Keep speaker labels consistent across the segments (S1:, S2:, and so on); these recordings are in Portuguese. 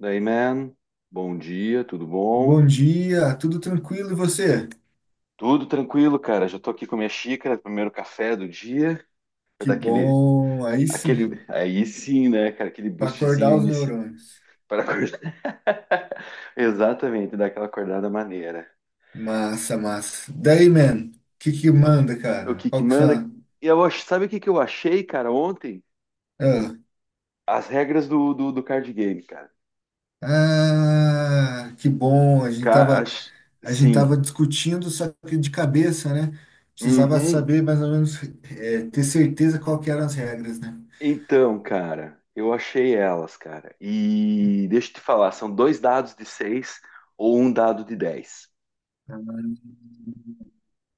S1: Daí, man, bom dia, tudo bom?
S2: Bom dia, tudo tranquilo e você?
S1: Tudo tranquilo, cara. Já tô aqui com a minha xícara, primeiro café do dia, pra
S2: Que
S1: dar aquele,
S2: bom, aí
S1: aquele,
S2: sim,
S1: aí sim, né, cara, aquele
S2: para
S1: boostzinho
S2: acordar os
S1: inicial
S2: neurônios.
S1: para acordar. Exatamente, dar aquela acordada maneira.
S2: Massa, massa. Daí, man, que manda,
S1: O
S2: cara?
S1: que que
S2: Qual que
S1: manda?
S2: são?
S1: E sabe o que que eu achei, cara, ontem?
S2: Ah,
S1: As regras do card game, cara.
S2: ah, que bom, a gente
S1: Ca-
S2: tava,
S1: ach-
S2: a gente
S1: Sim.
S2: tava discutindo, só que de cabeça, né? Precisava
S1: Uhum.
S2: saber mais ou menos, ter certeza qual que eram as regras, né?
S1: Então, cara, eu achei elas, cara. E deixa eu te falar, são dois dados de 6 ou um dado de 10.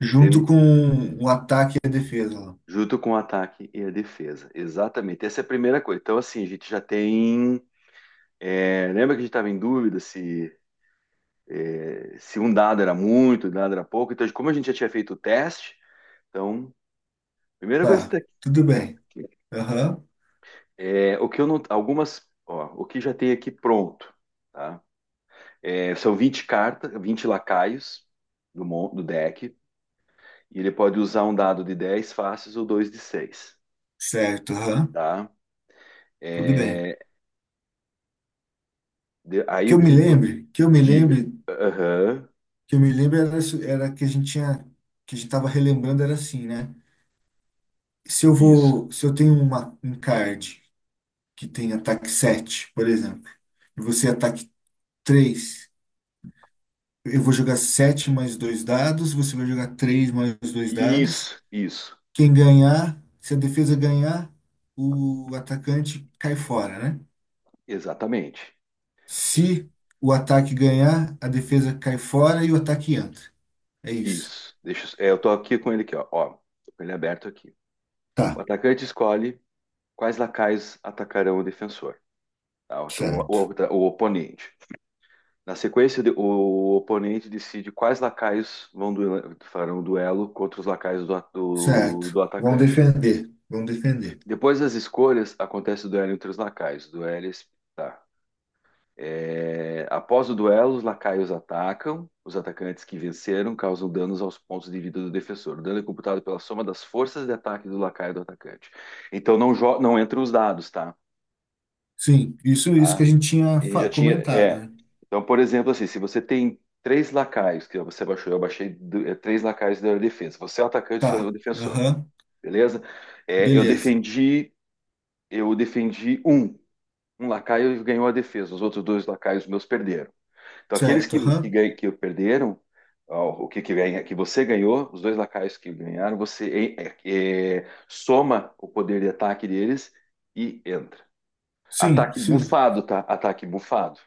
S2: Junto
S1: Teve-
S2: com o ataque e a defesa lá.
S1: Junto com o ataque e a defesa. Exatamente. Essa é a primeira coisa. Então, assim, a gente já tem. Lembra que a gente estava em dúvida se, se um dado era muito, um dado era pouco. Então, como a gente já tinha feito o teste, então, primeira coisa que tá
S2: Tá, tudo bem.
S1: aqui, né?
S2: Aham,
S1: O que eu não. Algumas. Ó, o que já tem aqui pronto, tá? É, são 20 cartas, 20 lacaios do deck, e ele pode usar um dado de 10 faces ou dois de 6,
S2: certo, aham,
S1: tá?
S2: tudo bem.
S1: É, aí
S2: que eu me lembre, que eu me
S1: diga?
S2: lembre,
S1: Aham,
S2: que eu me lembre era que a gente tava relembrando era assim, né? Se eu
S1: isso,
S2: vou, se eu tenho um card que tem ataque sete, por exemplo, e você ataque três. Eu vou jogar 7 mais dois dados, você vai jogar 3 mais dois dados.
S1: isso,
S2: Quem ganhar, se a defesa ganhar, o atacante cai fora, né?
S1: exatamente.
S2: Se o ataque ganhar, a defesa cai fora e o ataque entra. É isso.
S1: Isso. Eu tô aqui com ele aqui, ó. Ó, tô com ele aberto aqui. O
S2: Tá,
S1: atacante escolhe quais lacaios atacarão o defensor. Tá? Então, o,
S2: certo.
S1: o- o oponente. Na sequência, o oponente decide quais lacaios farão o duelo contra os lacaios do, a- do-
S2: Certo.
S1: do
S2: Vão
S1: atacante.
S2: defender. Vão defender.
S1: Depois das escolhas, acontece o duelo entre os lacaios. Duelo, tá. É, após o duelo, os lacaios atacam. Os atacantes que venceram causam danos aos pontos de vida do defensor. O dano é computado pela soma das forças de ataque do lacaio e do atacante. Então não, não entra os dados, tá?
S2: Sim, isso
S1: Tá?
S2: que a gente tinha
S1: E já tinha.
S2: comentado,
S1: É.
S2: né?
S1: Então, por exemplo, assim, se você tem três lacaios, que você baixou, eu baixei três lacaios da defesa. Você é o atacante, eu sou o
S2: Tá.
S1: defensor,
S2: Aham.
S1: beleza? É, eu
S2: Beleza.
S1: defendi, eu defendi um. Um lacaio ganhou a defesa, os outros dois lacaios meus perderam. Então, aqueles
S2: Certo. Aham.
S1: que perderam, ó, o que, que, ganha, que você ganhou, os dois lacaios que ganharam, você soma o poder de ataque deles e entra.
S2: Sim,
S1: Ataque
S2: sim.
S1: bufado, tá? Ataque bufado.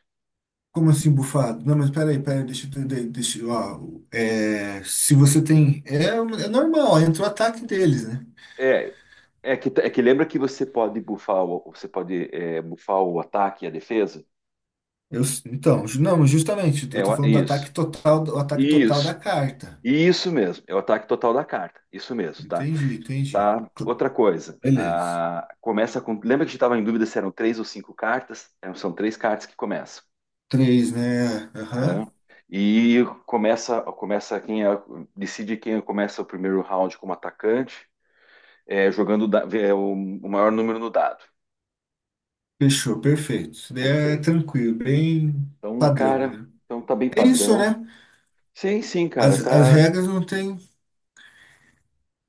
S2: Como assim, bufado? Não, mas peraí, peraí, deixa eu entender. Ó, se você tem. É normal, entra o ataque deles, né?
S1: É, é que lembra que você pode bufar o, você pode bufar o ataque e a defesa?
S2: Eu, então, não, justamente, eu tô falando
S1: Isso,
S2: do ataque total da
S1: isso,
S2: carta.
S1: isso mesmo. É o ataque total da carta, isso mesmo, tá?
S2: Entendi, entendi.
S1: Tá.
S2: Cl-
S1: Outra coisa,
S2: Beleza.
S1: começa com. Lembra que a gente estava em dúvida se eram três ou cinco cartas? É, são três cartas que começam.
S2: Três, né? Aham.
S1: Aham. E começa quem decide quem começa o primeiro round como atacante, é, jogando da- é, o maior número no dado.
S2: Fechou, perfeito. Isso daí é
S1: Perfeito.
S2: tranquilo, bem
S1: Então,
S2: padrão,
S1: cara,
S2: né?
S1: então tá bem
S2: É isso,
S1: padrão.
S2: né?
S1: Sim, sim, cara,
S2: As
S1: tá.
S2: regras não tem.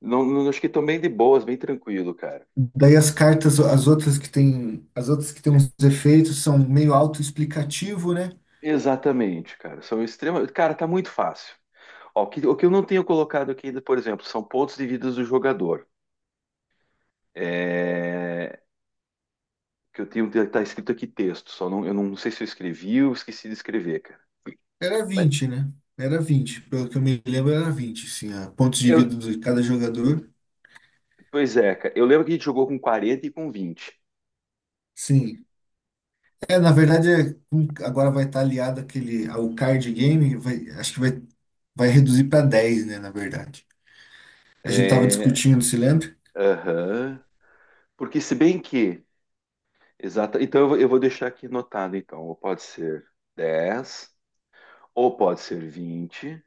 S1: Não, acho que estão bem de boas, bem tranquilo, cara.
S2: Daí as cartas, as outras que tem uns efeitos são meio autoexplicativo, né?
S1: Exatamente, cara. São extremamente. Cara, tá muito fácil. Ó, o que eu não tenho colocado aqui, ainda, por exemplo, são pontos de vida do jogador. É... Que eu tenho. Tá escrito aqui texto, só não, eu não sei se eu escrevi ou esqueci de escrever, cara.
S2: Era
S1: Mas
S2: 20, né? Era 20, pelo que eu me lembro, era 20 sim, a pontos de
S1: eu...
S2: vida de cada jogador.
S1: Pois é, cara. Eu lembro que a gente jogou com 40 e com 20.
S2: Sim. É, na verdade, agora vai estar aliado aquele ao card game, acho que vai reduzir para 10, né, na verdade. A gente tava
S1: É...
S2: discutindo, se lembra?
S1: Aham. Porque, se bem que. Exata Então eu vou deixar aqui anotado, então. Ou pode ser 10 ou pode ser 20,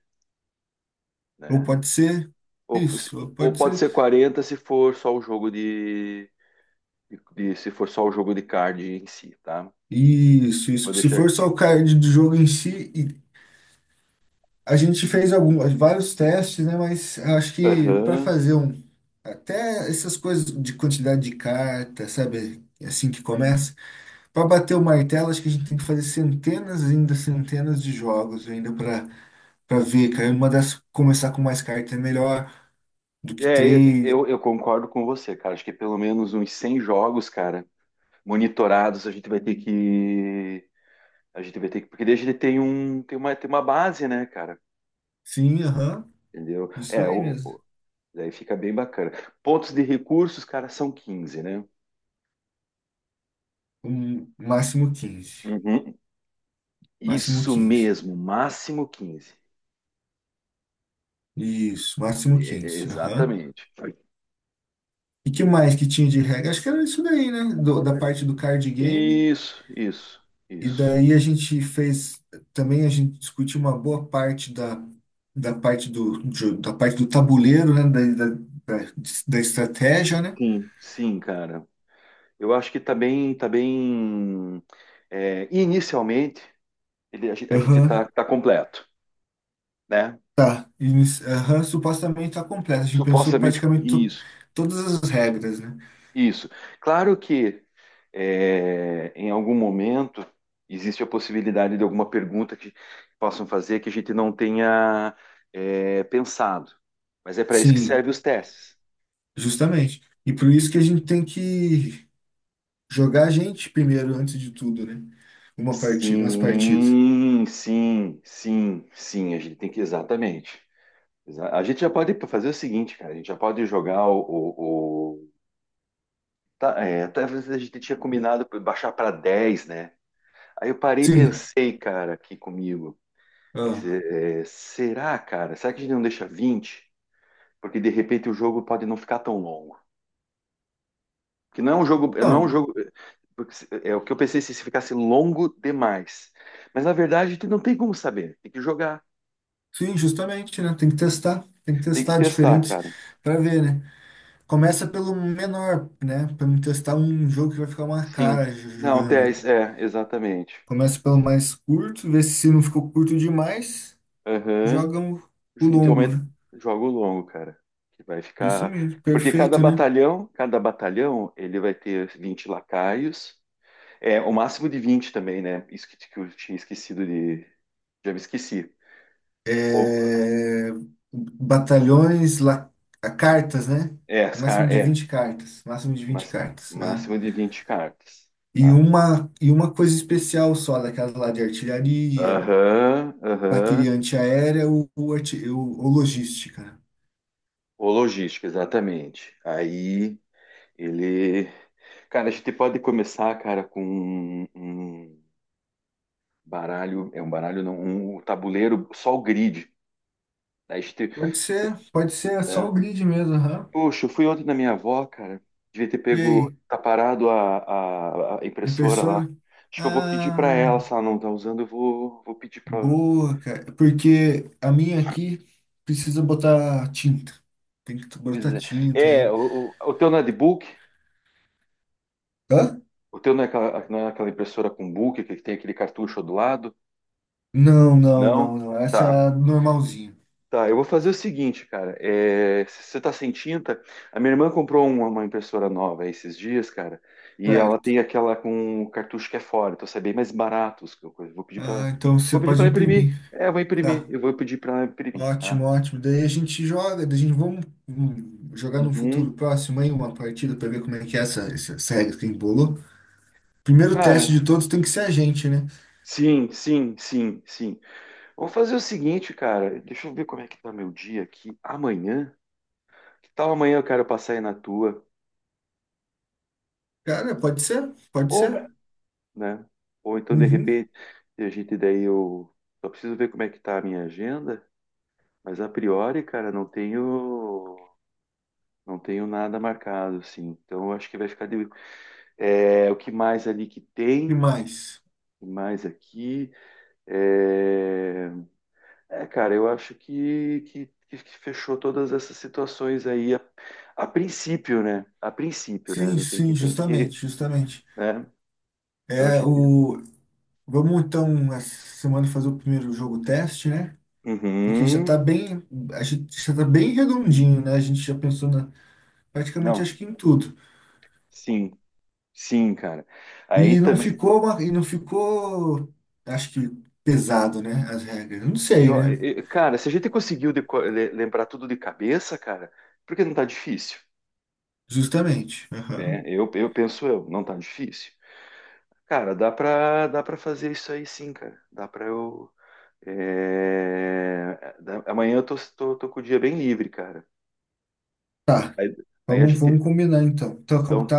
S2: Ou
S1: né?
S2: pode ser
S1: Ou, se-
S2: isso, ou
S1: ou
S2: pode
S1: pode
S2: ser
S1: ser 40 se for só o jogo de, se for só o jogo de card em si, tá?
S2: isso,
S1: Vou
S2: isso. Se
S1: deixar
S2: for só
S1: aqui.
S2: o card do jogo em si, e a gente fez vários testes, né? Mas acho que para
S1: Aham.
S2: fazer um, até essas coisas de quantidade de carta, sabe? Assim que uhum, começa, para bater o martelo, acho que a gente tem que fazer centenas e, ainda, centenas de jogos ainda para ver, cara. Uma das começar com mais cartas é melhor do que
S1: É,
S2: três.
S1: eu concordo com você, cara. Acho que pelo menos uns 100 jogos, cara, monitorados, a gente vai ter que. A gente vai ter que. Porque desde ele tem um, tem uma base, né, cara?
S2: Sim, aham,
S1: Entendeu?
S2: isso
S1: É,
S2: aí
S1: o,
S2: mesmo.
S1: daí fica bem bacana. Pontos de recursos, cara, são 15, né?
S2: Máximo 15.
S1: Uhum.
S2: Máximo
S1: Isso
S2: 15.
S1: mesmo, máximo 15.
S2: Isso,
S1: É,
S2: máximo 15. Aham.
S1: Exatamente.
S2: E que mais que tinha de regra? Acho que era isso daí, né? Da parte do card game.
S1: Isso, isso,
S2: E
S1: isso.
S2: daí a gente fez. Também a gente discutiu uma boa parte da, da parte do tabuleiro, né? Da, da, da estratégia, né?
S1: Sim, sim, cara. Eu acho que tá bem, tá bem. Inicialmente, ele, a gente tá,
S2: Aham.
S1: tá completo, né?
S2: Tá. Aham, supostamente tá completa. A gente pensou
S1: Supostamente
S2: praticamente
S1: isso.
S2: todas as regras, né?
S1: Isso. Claro que em algum momento existe a possibilidade de alguma pergunta que possam fazer que a gente não tenha pensado. Mas é para isso que
S2: Sim,
S1: servem os testes.
S2: justamente. E por isso que a gente tem que jogar a gente primeiro, antes de tudo, né? Uma partida, umas partidas.
S1: Sim, sim, sim, sim. A gente tem que exatamente. A gente já pode fazer o seguinte, cara. A gente já pode jogar tá, talvez a gente tinha combinado pra baixar para 10, né? Aí eu parei e
S2: Sim.
S1: pensei, cara, aqui comigo.
S2: ah,
S1: Esse- será, cara? Será que a gente não deixa 20? Porque de repente o jogo pode não ficar tão longo. Que não é um jogo, não é um
S2: Então,
S1: jogo. Eh, porque se- eh, É o que eu pensei se ficasse longo demais. Mas na verdade a gente não tem como saber. Tem que jogar,
S2: sim, justamente, né? Tem que testar. Tem que
S1: tem que
S2: testar
S1: testar,
S2: diferentes
S1: cara.
S2: para ver, né? Começa pelo menor, né? Para não testar um jogo que vai ficar uma
S1: Sim.
S2: cara
S1: Não,
S2: jogando, né?
S1: exatamente.
S2: Começa pelo mais curto, vê se não ficou curto demais,
S1: Aham.
S2: joga o
S1: Então,
S2: longo, né?
S1: jogo longo, cara. Que vai
S2: Isso
S1: ficar.
S2: mesmo,
S1: Porque
S2: perfeito, né?
S1: cada batalhão, ele vai ter 20 lacaios. É, o máximo de 20 também, né? Isso que eu tinha esquecido de. Já me esqueci. Ou,
S2: é, Batalhões, cartas, né?
S1: as
S2: Máximo
S1: car,
S2: de 20 cartas. Máximo de vinte
S1: mas,
S2: cartas. Aham.
S1: máximo de 20 cartas.
S2: E
S1: Tá.
S2: uma, e uma coisa especial só, daquelas lá de artilharia,
S1: Aham, aham.
S2: bateria antiaérea ou logística, né?
S1: O logística, exatamente. Aí ele. Cara, a gente pode começar, cara, com um baralho. É um baralho, não. Um tabuleiro, só o grid. Aí a gente.
S2: Pode ser só o grid mesmo. Aham.
S1: Poxa, eu fui ontem na minha avó, cara. Devia ter
S2: E
S1: pego.
S2: aí,
S1: Tá parado a impressora lá.
S2: impressora?
S1: Acho que eu vou pedir pra ela,
S2: Ah,
S1: se ela não tá usando, vou pedir pra.
S2: boa, cara. Porque a minha aqui precisa botar tinta. Tem que
S1: Pois
S2: botar
S1: é.
S2: tinta
S1: É,
S2: ainda.
S1: o teu não é de book?
S2: Hã?
S1: O teu não é aquela, não é aquela impressora com book que tem aquele cartucho do lado?
S2: Não, não, não,
S1: Não?
S2: não. Essa
S1: Tá.
S2: é a normalzinha.
S1: Tá, eu vou fazer o seguinte, cara. É, se você tá sem tinta, a minha irmã comprou uma impressora nova esses dias, cara, e ela
S2: Certo.
S1: tem aquela com o cartucho que é fora, então sai bem mais barato. Os que eu
S2: Ah, então você
S1: vou pedir
S2: pode
S1: pra imprimir.
S2: imprimir.
S1: É, eu vou imprimir,
S2: Tá.
S1: eu vou pedir pra imprimir, tá?
S2: Ótimo, ótimo. Daí a gente joga, daí a gente vamos jogar no
S1: Uhum.
S2: futuro próximo aí uma partida para ver como é que é essa regra que embolou. Primeiro teste de
S1: Cara,
S2: todos tem que ser a gente, né?
S1: sim, sim, sim, sim. Vamos fazer o seguinte, cara. Deixa eu ver como é que tá meu dia aqui. Amanhã? Que tal amanhã eu quero passar aí na tua?
S2: Cara, pode ser, pode
S1: Ou,
S2: ser.
S1: né? Ou então, de
S2: Uhum.
S1: repente, a gente daí eu só preciso ver como é que tá a minha agenda, mas a priori, cara, não tenho nada marcado, assim. Então, eu acho que vai ficar de o que mais ali que
S2: E
S1: tem, o
S2: mais?
S1: que mais aqui. É, cara, eu acho que fechou todas essas situações aí a princípio, né? A princípio, né?
S2: Sim,
S1: Não tem que
S2: sim,
S1: tem que,
S2: justamente, justamente.
S1: né? Então a
S2: É
S1: gente.
S2: o. Vamos então essa semana fazer o primeiro jogo teste, né? Porque já
S1: Uhum.
S2: está bem, a gente já tá bem redondinho, né? A gente já pensou praticamente
S1: Não,
S2: acho que em tudo.
S1: sim. Sim, cara. Aí
S2: E não
S1: também.
S2: ficou uma- e não ficou, acho que, pesado, né? As regras. Não sei,
S1: Eu,
S2: né?
S1: eu- cara, se a gente conseguiu lembrar tudo de cabeça, cara, porque não tá difícil,
S2: Justamente.
S1: né?
S2: Aham.
S1: Eu penso eu, não tá difícil. Cara, dá pra fazer isso aí sim, cara. Dá pra eu. Amanhã eu tô com o dia bem livre, cara.
S2: Tá.
S1: Aí, aí a
S2: Vamos,
S1: gente.
S2: vamos combinar então. Então, como
S1: Então,
S2: tá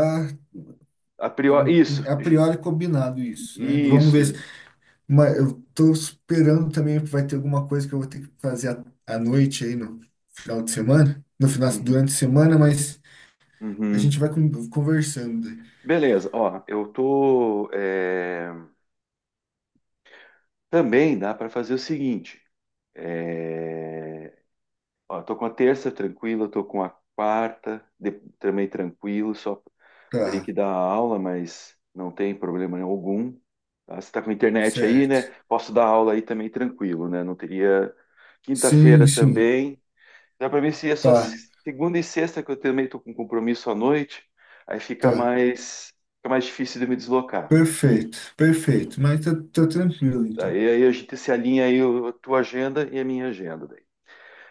S1: a priori. Isso,
S2: a priori combinado isso, né? Vamos ver.
S1: isso.
S2: Mas eu tô esperando também que vai ter alguma coisa que eu vou ter que fazer à noite aí no final
S1: Uhum,
S2: durante a semana, mas a gente
S1: uhum.
S2: vai conversando.
S1: Beleza, ó, eu tô. Também dá pra fazer o seguinte. É... Ó, tô com a terça tranquila, tô com a quarta também tranquilo, só teria
S2: Tá,
S1: que dar aula, mas não tem problema algum. Tá? Você tá com internet aí,
S2: certo.
S1: né? Posso dar aula aí também tranquilo, né? Não teria.
S2: Sim,
S1: Quinta-feira
S2: sim.
S1: também. Dá para mim se é só
S2: Tá,
S1: segunda e sexta que eu também tô com compromisso à noite, aí fica
S2: tá.
S1: mais, fica mais difícil de me deslocar.
S2: Perfeito, perfeito. Mas tá, tá tranquilo, então.
S1: Aí a gente se alinha aí a tua agenda e a minha agenda.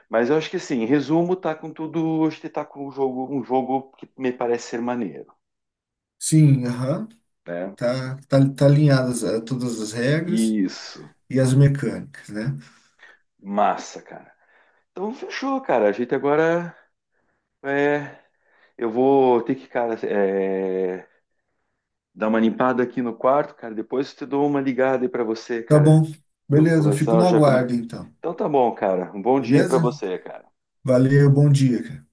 S1: Mas eu acho que assim, em resumo, tá com tudo. Acho que tá com um jogo que me parece ser maneiro,
S2: Sim, aham.
S1: né?
S2: Tá alinhadas, todas as regras
S1: Isso.
S2: e as mecânicas, né?
S1: Massa, cara. Então fechou, cara. A gente agora é, eu vou ter que, cara, dar uma limpada aqui no quarto, cara. Depois eu te dou uma ligada aí pra você,
S2: Tá
S1: cara.
S2: bom.
S1: Eu
S2: Beleza, eu
S1: começar
S2: fico
S1: eu
S2: no
S1: já.
S2: aguardo, então.
S1: Então tá bom, cara. Um bom dia aí pra
S2: Beleza?
S1: você, cara.
S2: Valeu, bom dia, cara.